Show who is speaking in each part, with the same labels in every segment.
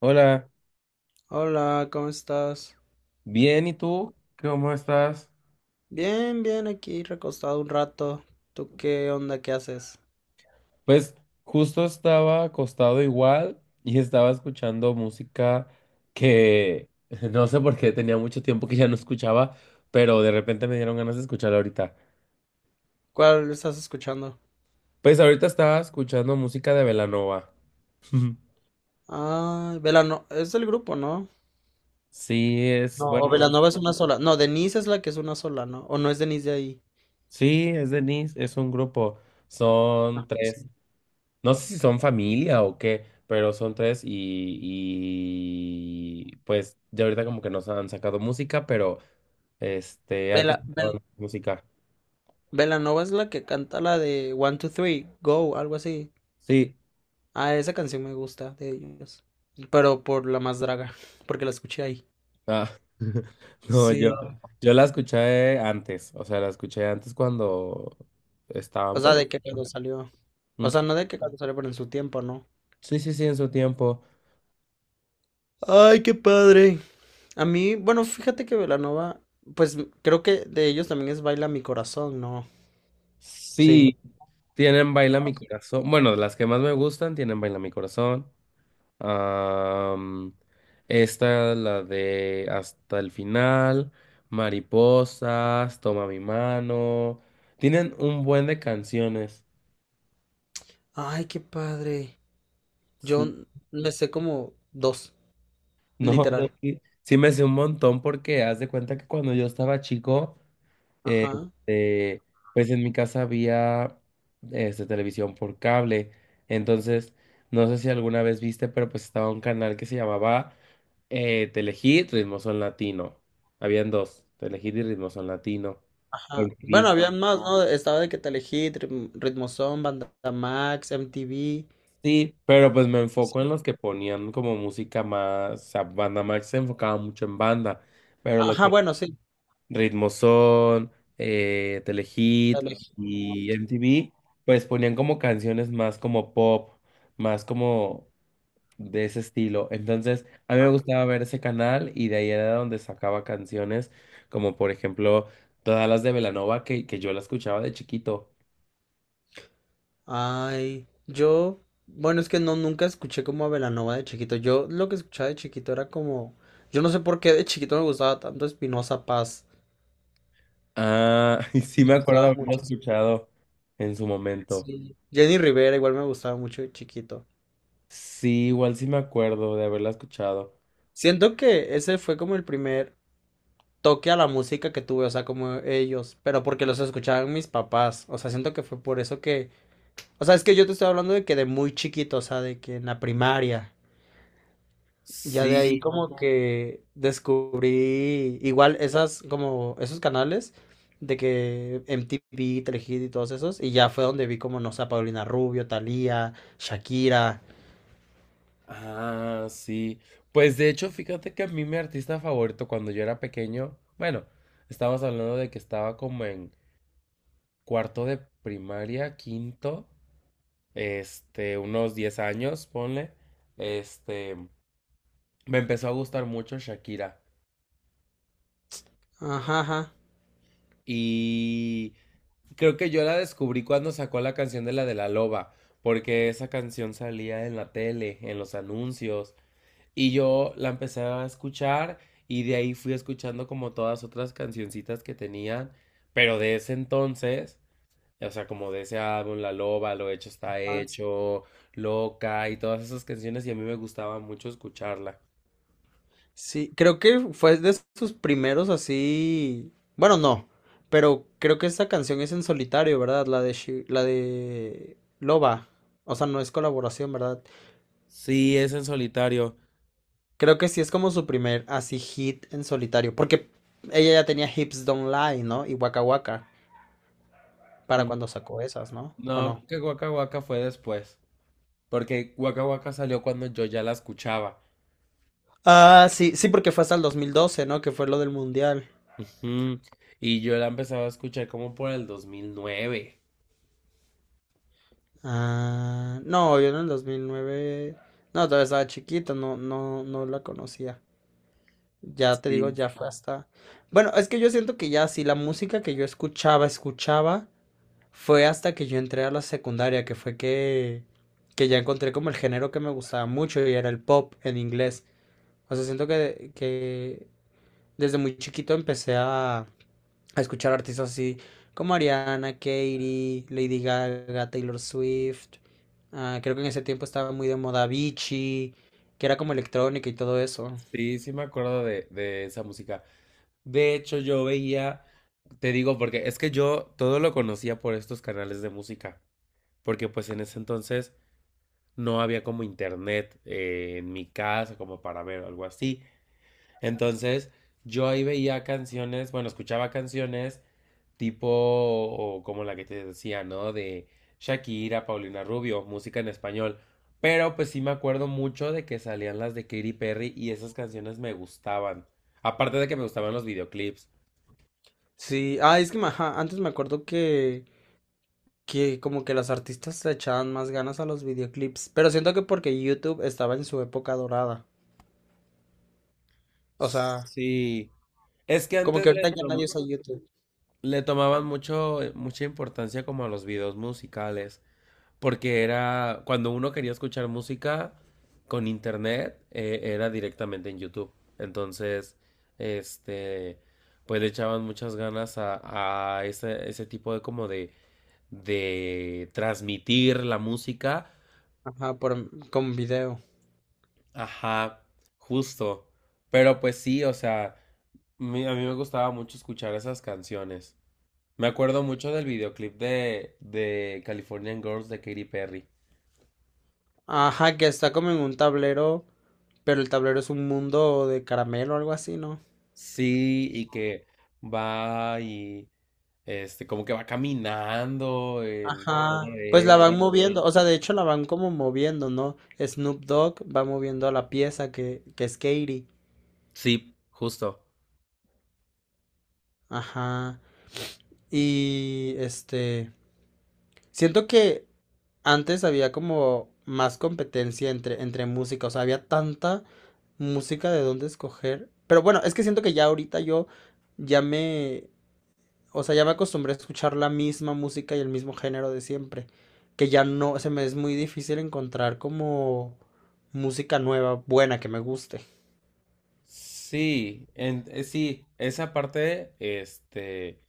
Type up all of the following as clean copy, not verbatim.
Speaker 1: Hola,
Speaker 2: Hola, ¿cómo estás?
Speaker 1: bien, ¿y tú? ¿Cómo estás?
Speaker 2: Bien, bien, aquí recostado un rato. ¿Tú qué onda? ¿Qué haces?
Speaker 1: Pues justo estaba acostado igual y estaba escuchando música que no sé por qué tenía mucho tiempo que ya no escuchaba, pero de repente me dieron ganas de escucharla ahorita.
Speaker 2: ¿Cuál estás escuchando?
Speaker 1: Pues ahorita estaba escuchando música de Belanova.
Speaker 2: Ah, Velano, es del grupo, ¿no?
Speaker 1: Sí, es,
Speaker 2: No, o
Speaker 1: bueno,
Speaker 2: Velanova es una sola. No, Denise es la que es una sola, ¿no? O no es Denise de ahí.
Speaker 1: sí, es Denise, es un grupo, son
Speaker 2: Ah,
Speaker 1: tres.
Speaker 2: sí.
Speaker 1: No sé si son familia o qué, pero son tres y pues ya ahorita como que nos han sacado música, pero antes
Speaker 2: Vela, Vel-
Speaker 1: sacaban música.
Speaker 2: Velanova es la que canta la de One, Two, Three, Go, algo así.
Speaker 1: Sí,
Speaker 2: Ah, esa canción me gusta de ellos. Pero por la más draga, porque la escuché ahí.
Speaker 1: ah, no, yo,
Speaker 2: Sí.
Speaker 1: yo la escuché antes, o sea, la escuché antes cuando estaban
Speaker 2: O sea,
Speaker 1: pues.
Speaker 2: de que cuando salió. O
Speaker 1: Mm,
Speaker 2: sea, no de que cuando salió, pero en su tiempo, ¿no?
Speaker 1: sí, sí, sí, en su tiempo.
Speaker 2: Ay, qué padre. A mí, bueno, fíjate que Belanova, pues creo que de ellos también es Baila mi corazón, ¿no? Sí.
Speaker 1: Sí, tienen Baila mi corazón. Bueno, las que más me gustan tienen Baila mi corazón. Am, Esta, la de Hasta el final, Mariposas, Toma mi mano. Tienen un buen de canciones.
Speaker 2: Ay, qué padre. Yo
Speaker 1: Sí.
Speaker 2: me sé como dos,
Speaker 1: No, yo
Speaker 2: literal.
Speaker 1: sí me sé un montón porque haz de cuenta que cuando yo estaba chico.
Speaker 2: Ajá,
Speaker 1: Este, pues en mi casa había, televisión por cable. Entonces, no sé si alguna vez viste, pero pues estaba un canal que se llamaba Telehit, Ritmo Son Latino. Habían dos, Telehit y Ritmo Son Latino. En
Speaker 2: ajá. Bueno,
Speaker 1: TV.
Speaker 2: había más, ¿no? Estaba de que te elegí, Ritmo Ritmozón, Banda Max, MTV.
Speaker 1: Sí, pero pues me enfoco en
Speaker 2: Sí.
Speaker 1: los que ponían como música más, o sea, banda más se enfocaba mucho en banda, pero lo
Speaker 2: Ajá,
Speaker 1: que
Speaker 2: bueno, sí.
Speaker 1: Ritmozón,
Speaker 2: Te
Speaker 1: Telehit
Speaker 2: elegí.
Speaker 1: y MTV, pues ponían como canciones más como pop, más como de ese estilo. Entonces, a mí me gustaba ver ese canal y de ahí era donde sacaba canciones, como por ejemplo todas las de Belanova que yo la escuchaba de chiquito.
Speaker 2: Ay, yo, bueno, es que no, nunca escuché como a Belanova de chiquito. Yo lo que escuchaba de chiquito era como, yo no sé por qué de chiquito me gustaba tanto Espinosa Paz.
Speaker 1: Ah, y sí
Speaker 2: Me
Speaker 1: me acuerdo de
Speaker 2: gustaba
Speaker 1: haberlo
Speaker 2: muchísimo.
Speaker 1: escuchado en su momento.
Speaker 2: Sí. Jenny Rivera igual me gustaba mucho de chiquito.
Speaker 1: Sí, igual sí me acuerdo de haberla escuchado.
Speaker 2: Siento que ese fue como el primer toque a la música que tuve, o sea, como ellos, pero porque los escuchaban mis papás. O sea, siento que fue por eso que, o sea, es que yo te estoy hablando de que de muy chiquito, o sea, de que en la primaria. Ya de ahí
Speaker 1: Sí.
Speaker 2: como que descubrí igual esas como esos canales de que MTV, Telehit y todos esos y ya fue donde vi como no sé a Paulina Rubio, Thalía, Shakira.
Speaker 1: Ah, sí. Pues de hecho, fíjate que a mí mi artista favorito cuando yo era pequeño, bueno, estábamos hablando de que estaba como en cuarto de primaria, quinto, unos 10 años, ponle, este, me empezó a gustar mucho Shakira.
Speaker 2: Ajá, ajá.
Speaker 1: Y creo que yo la descubrí cuando sacó la canción de la loba, porque esa canción salía en la tele, en los anuncios. Y yo la empecé a escuchar y de ahí fui escuchando como todas otras cancioncitas que tenían, pero de ese entonces, o sea, como de ese álbum, La Loba, Lo Hecho Está
Speaker 2: Más.
Speaker 1: Hecho, Loca y todas esas canciones y a mí me gustaba mucho escucharla.
Speaker 2: Sí, creo que fue de sus primeros así, bueno, no, pero creo que esa canción es en solitario, ¿verdad? La de Loba. O sea, no es colaboración, ¿verdad?
Speaker 1: Sí, es en solitario.
Speaker 2: Creo que sí es como su primer así hit en solitario, porque ella ya tenía Hips Don't Lie, ¿no? Y Waka Waka para
Speaker 1: Mm.
Speaker 2: cuando sacó esas, ¿no? ¿O
Speaker 1: No,
Speaker 2: no?
Speaker 1: creo que Waka Waka fue después, porque Waka Waka salió cuando yo ya la escuchaba.
Speaker 2: Ah, sí, sí, porque fue hasta el 2012, ¿no? Que fue lo del mundial.
Speaker 1: Ujú. Y yo la empezaba a escuchar como por el 2009.
Speaker 2: Ah, no, yo en el 2009, no, todavía estaba chiquita, no, no, no la conocía. Ya te digo,
Speaker 1: Sí.
Speaker 2: ya fue hasta… Bueno, es que yo siento que ya sí, la música que yo escuchaba, escuchaba, fue hasta que yo entré a la secundaria, que fue que ya encontré como el género que me gustaba mucho y era el pop en inglés. O sea, siento que desde muy chiquito empecé a escuchar artistas así como Ariana, Katy, Lady Gaga, Taylor Swift. Ah, creo que en ese tiempo estaba muy de moda Avicii, que era como electrónica y todo eso.
Speaker 1: Sí, sí me acuerdo de esa música. De hecho, yo veía, te digo, porque es que yo todo lo conocía por estos canales de música, porque pues en ese entonces no había como internet, en mi casa como para ver algo así. Entonces, yo ahí veía canciones, bueno, escuchaba canciones tipo o como la que te decía, ¿no? De Shakira, Paulina Rubio, música en español. Pero pues sí me acuerdo mucho de que salían las de Katy Perry y esas canciones me gustaban. Aparte de que me gustaban los videoclips.
Speaker 2: Sí, ah, ajá, antes me acuerdo que como que las artistas le echaban más ganas a los videoclips, pero siento que porque YouTube estaba en su época dorada. O sea,
Speaker 1: Sí, es que
Speaker 2: como que
Speaker 1: antes
Speaker 2: ahorita ya nadie usa YouTube.
Speaker 1: le tomaban mucho, mucha importancia como a los videos musicales, porque era cuando uno quería escuchar música con internet, era directamente en YouTube. Entonces, este, pues le echaban muchas ganas a ese, ese tipo de como de transmitir la música.
Speaker 2: Ajá, por, con video.
Speaker 1: Ajá, justo. Pero pues sí, o sea, a mí me gustaba mucho escuchar esas canciones. Me acuerdo mucho del videoclip de Californian Girls de Katy Perry.
Speaker 2: Ajá, que está como en un tablero, pero el tablero es un mundo de caramelo o algo así, ¿no?
Speaker 1: Sí, y que va y como que va caminando en todo
Speaker 2: Ajá, pues la
Speaker 1: eso.
Speaker 2: van
Speaker 1: Sí,
Speaker 2: moviendo, o sea, de hecho la van como moviendo, ¿no? Snoop Dogg va moviendo a la pieza que es Katie.
Speaker 1: sí, justo.
Speaker 2: Ajá. Y este, siento que antes había como más competencia entre, entre música, o sea, había tanta música de dónde escoger. Pero bueno, es que siento que ya ahorita yo ya me, o sea, ya me acostumbré a escuchar la misma música y el mismo género de siempre, que ya no, se me es muy difícil encontrar como música nueva, buena, que me guste.
Speaker 1: Sí, sí, esa parte,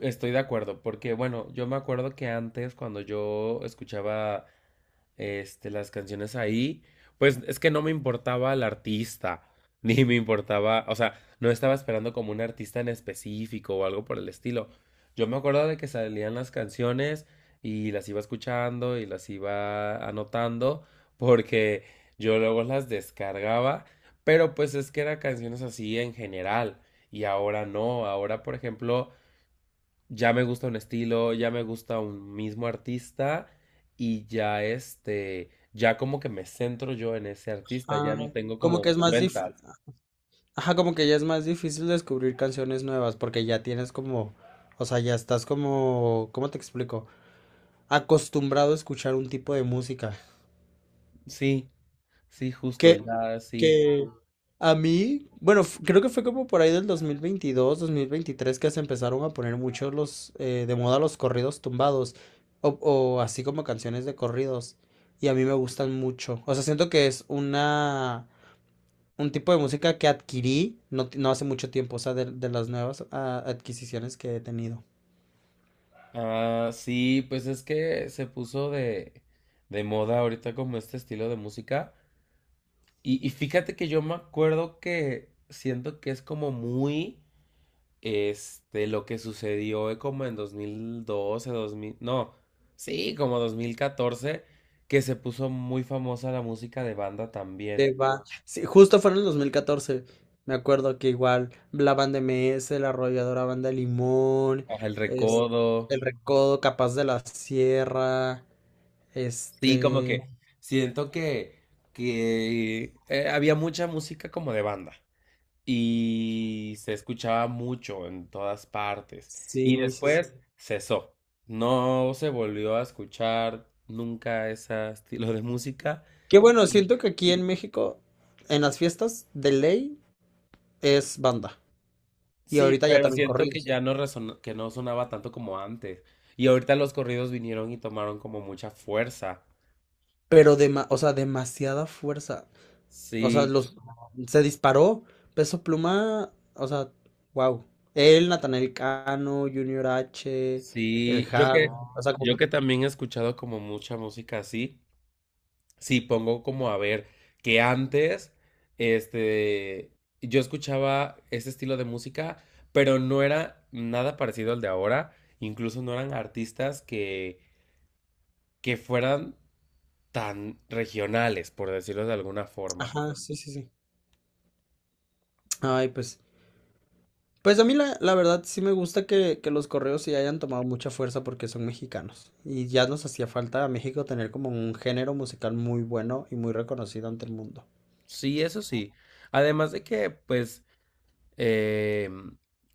Speaker 1: estoy de acuerdo, porque bueno, yo me acuerdo que antes cuando yo escuchaba, las canciones ahí, pues es que no me importaba el artista, ni me importaba, o sea, no estaba esperando como un artista en específico o algo por el estilo. Yo me acuerdo de que salían las canciones y las iba escuchando y las iba anotando porque yo luego las descargaba, pero pues es que eran canciones así en general y ahora no, ahora por ejemplo ya me gusta un estilo, ya me gusta un mismo artista y ya ya como que me centro yo en ese artista, ya
Speaker 2: Ah,
Speaker 1: no tengo
Speaker 2: como
Speaker 1: como
Speaker 2: que es más difícil,
Speaker 1: vueltas.
Speaker 2: ajá, como que ya es más difícil descubrir canciones nuevas porque ya tienes como, o sea, ya estás como, ¿cómo te explico? Acostumbrado a escuchar un tipo de música
Speaker 1: Sí, sí, justo,
Speaker 2: que,
Speaker 1: ya sí.
Speaker 2: que a mí, bueno, creo que fue como por ahí del 2022 2023 que se empezaron a poner muchos los, de moda los corridos tumbados o así como canciones de corridos y a mí me gustan mucho. O sea, siento que es una, un tipo de música que adquirí no, no hace mucho tiempo, o sea, de las nuevas adquisiciones que he tenido.
Speaker 1: Ah, sí, pues es que se puso de moda ahorita como este estilo de música. Y fíjate que yo me acuerdo que siento que es como muy lo que sucedió, como en dos mil doce dos mil no, sí, como 2014, que se puso muy famosa la música de banda también.
Speaker 2: De va. Sí, justo fue en el 2014. Me acuerdo que igual la banda MS, la arrolladora banda Limón,
Speaker 1: Ajá, El
Speaker 2: es,
Speaker 1: Recodo,
Speaker 2: el Recodo, Capaz de la Sierra,
Speaker 1: sí, como
Speaker 2: este…
Speaker 1: que siento que, que había mucha música como de banda y se escuchaba mucho en todas partes. Y
Speaker 2: Sí, sí, sí.
Speaker 1: después cesó. No se volvió a escuchar nunca ese estilo de música.
Speaker 2: Que bueno, siento que aquí en México, en las fiestas de ley, es banda. Y
Speaker 1: Sí,
Speaker 2: ahorita ya
Speaker 1: pero
Speaker 2: también
Speaker 1: siento que
Speaker 2: corridos.
Speaker 1: ya no que no sonaba tanto como antes. Y ahorita los corridos vinieron y tomaron como mucha fuerza.
Speaker 2: Pero, o sea, demasiada fuerza. O sea,
Speaker 1: Sí,
Speaker 2: los se disparó. Peso Pluma, o sea, wow. Él, Natanael Cano, Junior H, el
Speaker 1: sí.
Speaker 2: Javi. O sea,
Speaker 1: Yo que también he escuchado como mucha música así. Sí, pongo como a ver que antes, este, yo escuchaba ese estilo de música, pero no era nada parecido al de ahora. Incluso no eran artistas que fueran tan regionales, por decirlo de alguna forma.
Speaker 2: ajá, sí, sí, sí. Ay, pues. Pues a mí la, la verdad sí me gusta que los correos sí hayan tomado mucha fuerza porque son mexicanos. Y ya nos hacía falta a México tener como un género musical muy bueno y muy reconocido ante el mundo.
Speaker 1: Sí, eso sí. Además de que, pues, eh,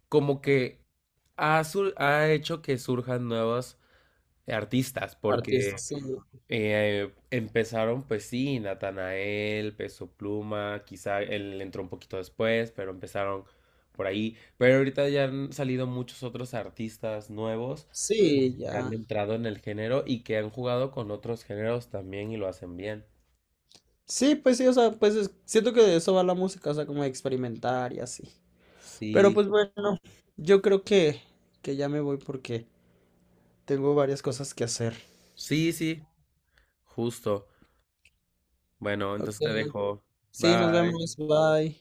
Speaker 1: como que ha hecho que surjan nuevos artistas,
Speaker 2: Artistas,
Speaker 1: porque
Speaker 2: sí.
Speaker 1: empezaron, pues sí, Natanael, Peso Pluma, quizá él entró un poquito después, pero empezaron por ahí. Pero ahorita ya han salido muchos otros artistas nuevos
Speaker 2: Sí,
Speaker 1: que han
Speaker 2: ya.
Speaker 1: entrado en el género y que han jugado con otros géneros también y lo hacen bien.
Speaker 2: Sí, pues sí, o sea, siento que de eso va la música, o sea, como experimentar y así. Pero
Speaker 1: Sí,
Speaker 2: pues bueno, yo creo que ya me voy porque tengo varias cosas que hacer.
Speaker 1: sí, sí, justo. Bueno,
Speaker 2: Ok,
Speaker 1: entonces te dejo.
Speaker 2: sí, nos
Speaker 1: Bye.
Speaker 2: vemos, bye.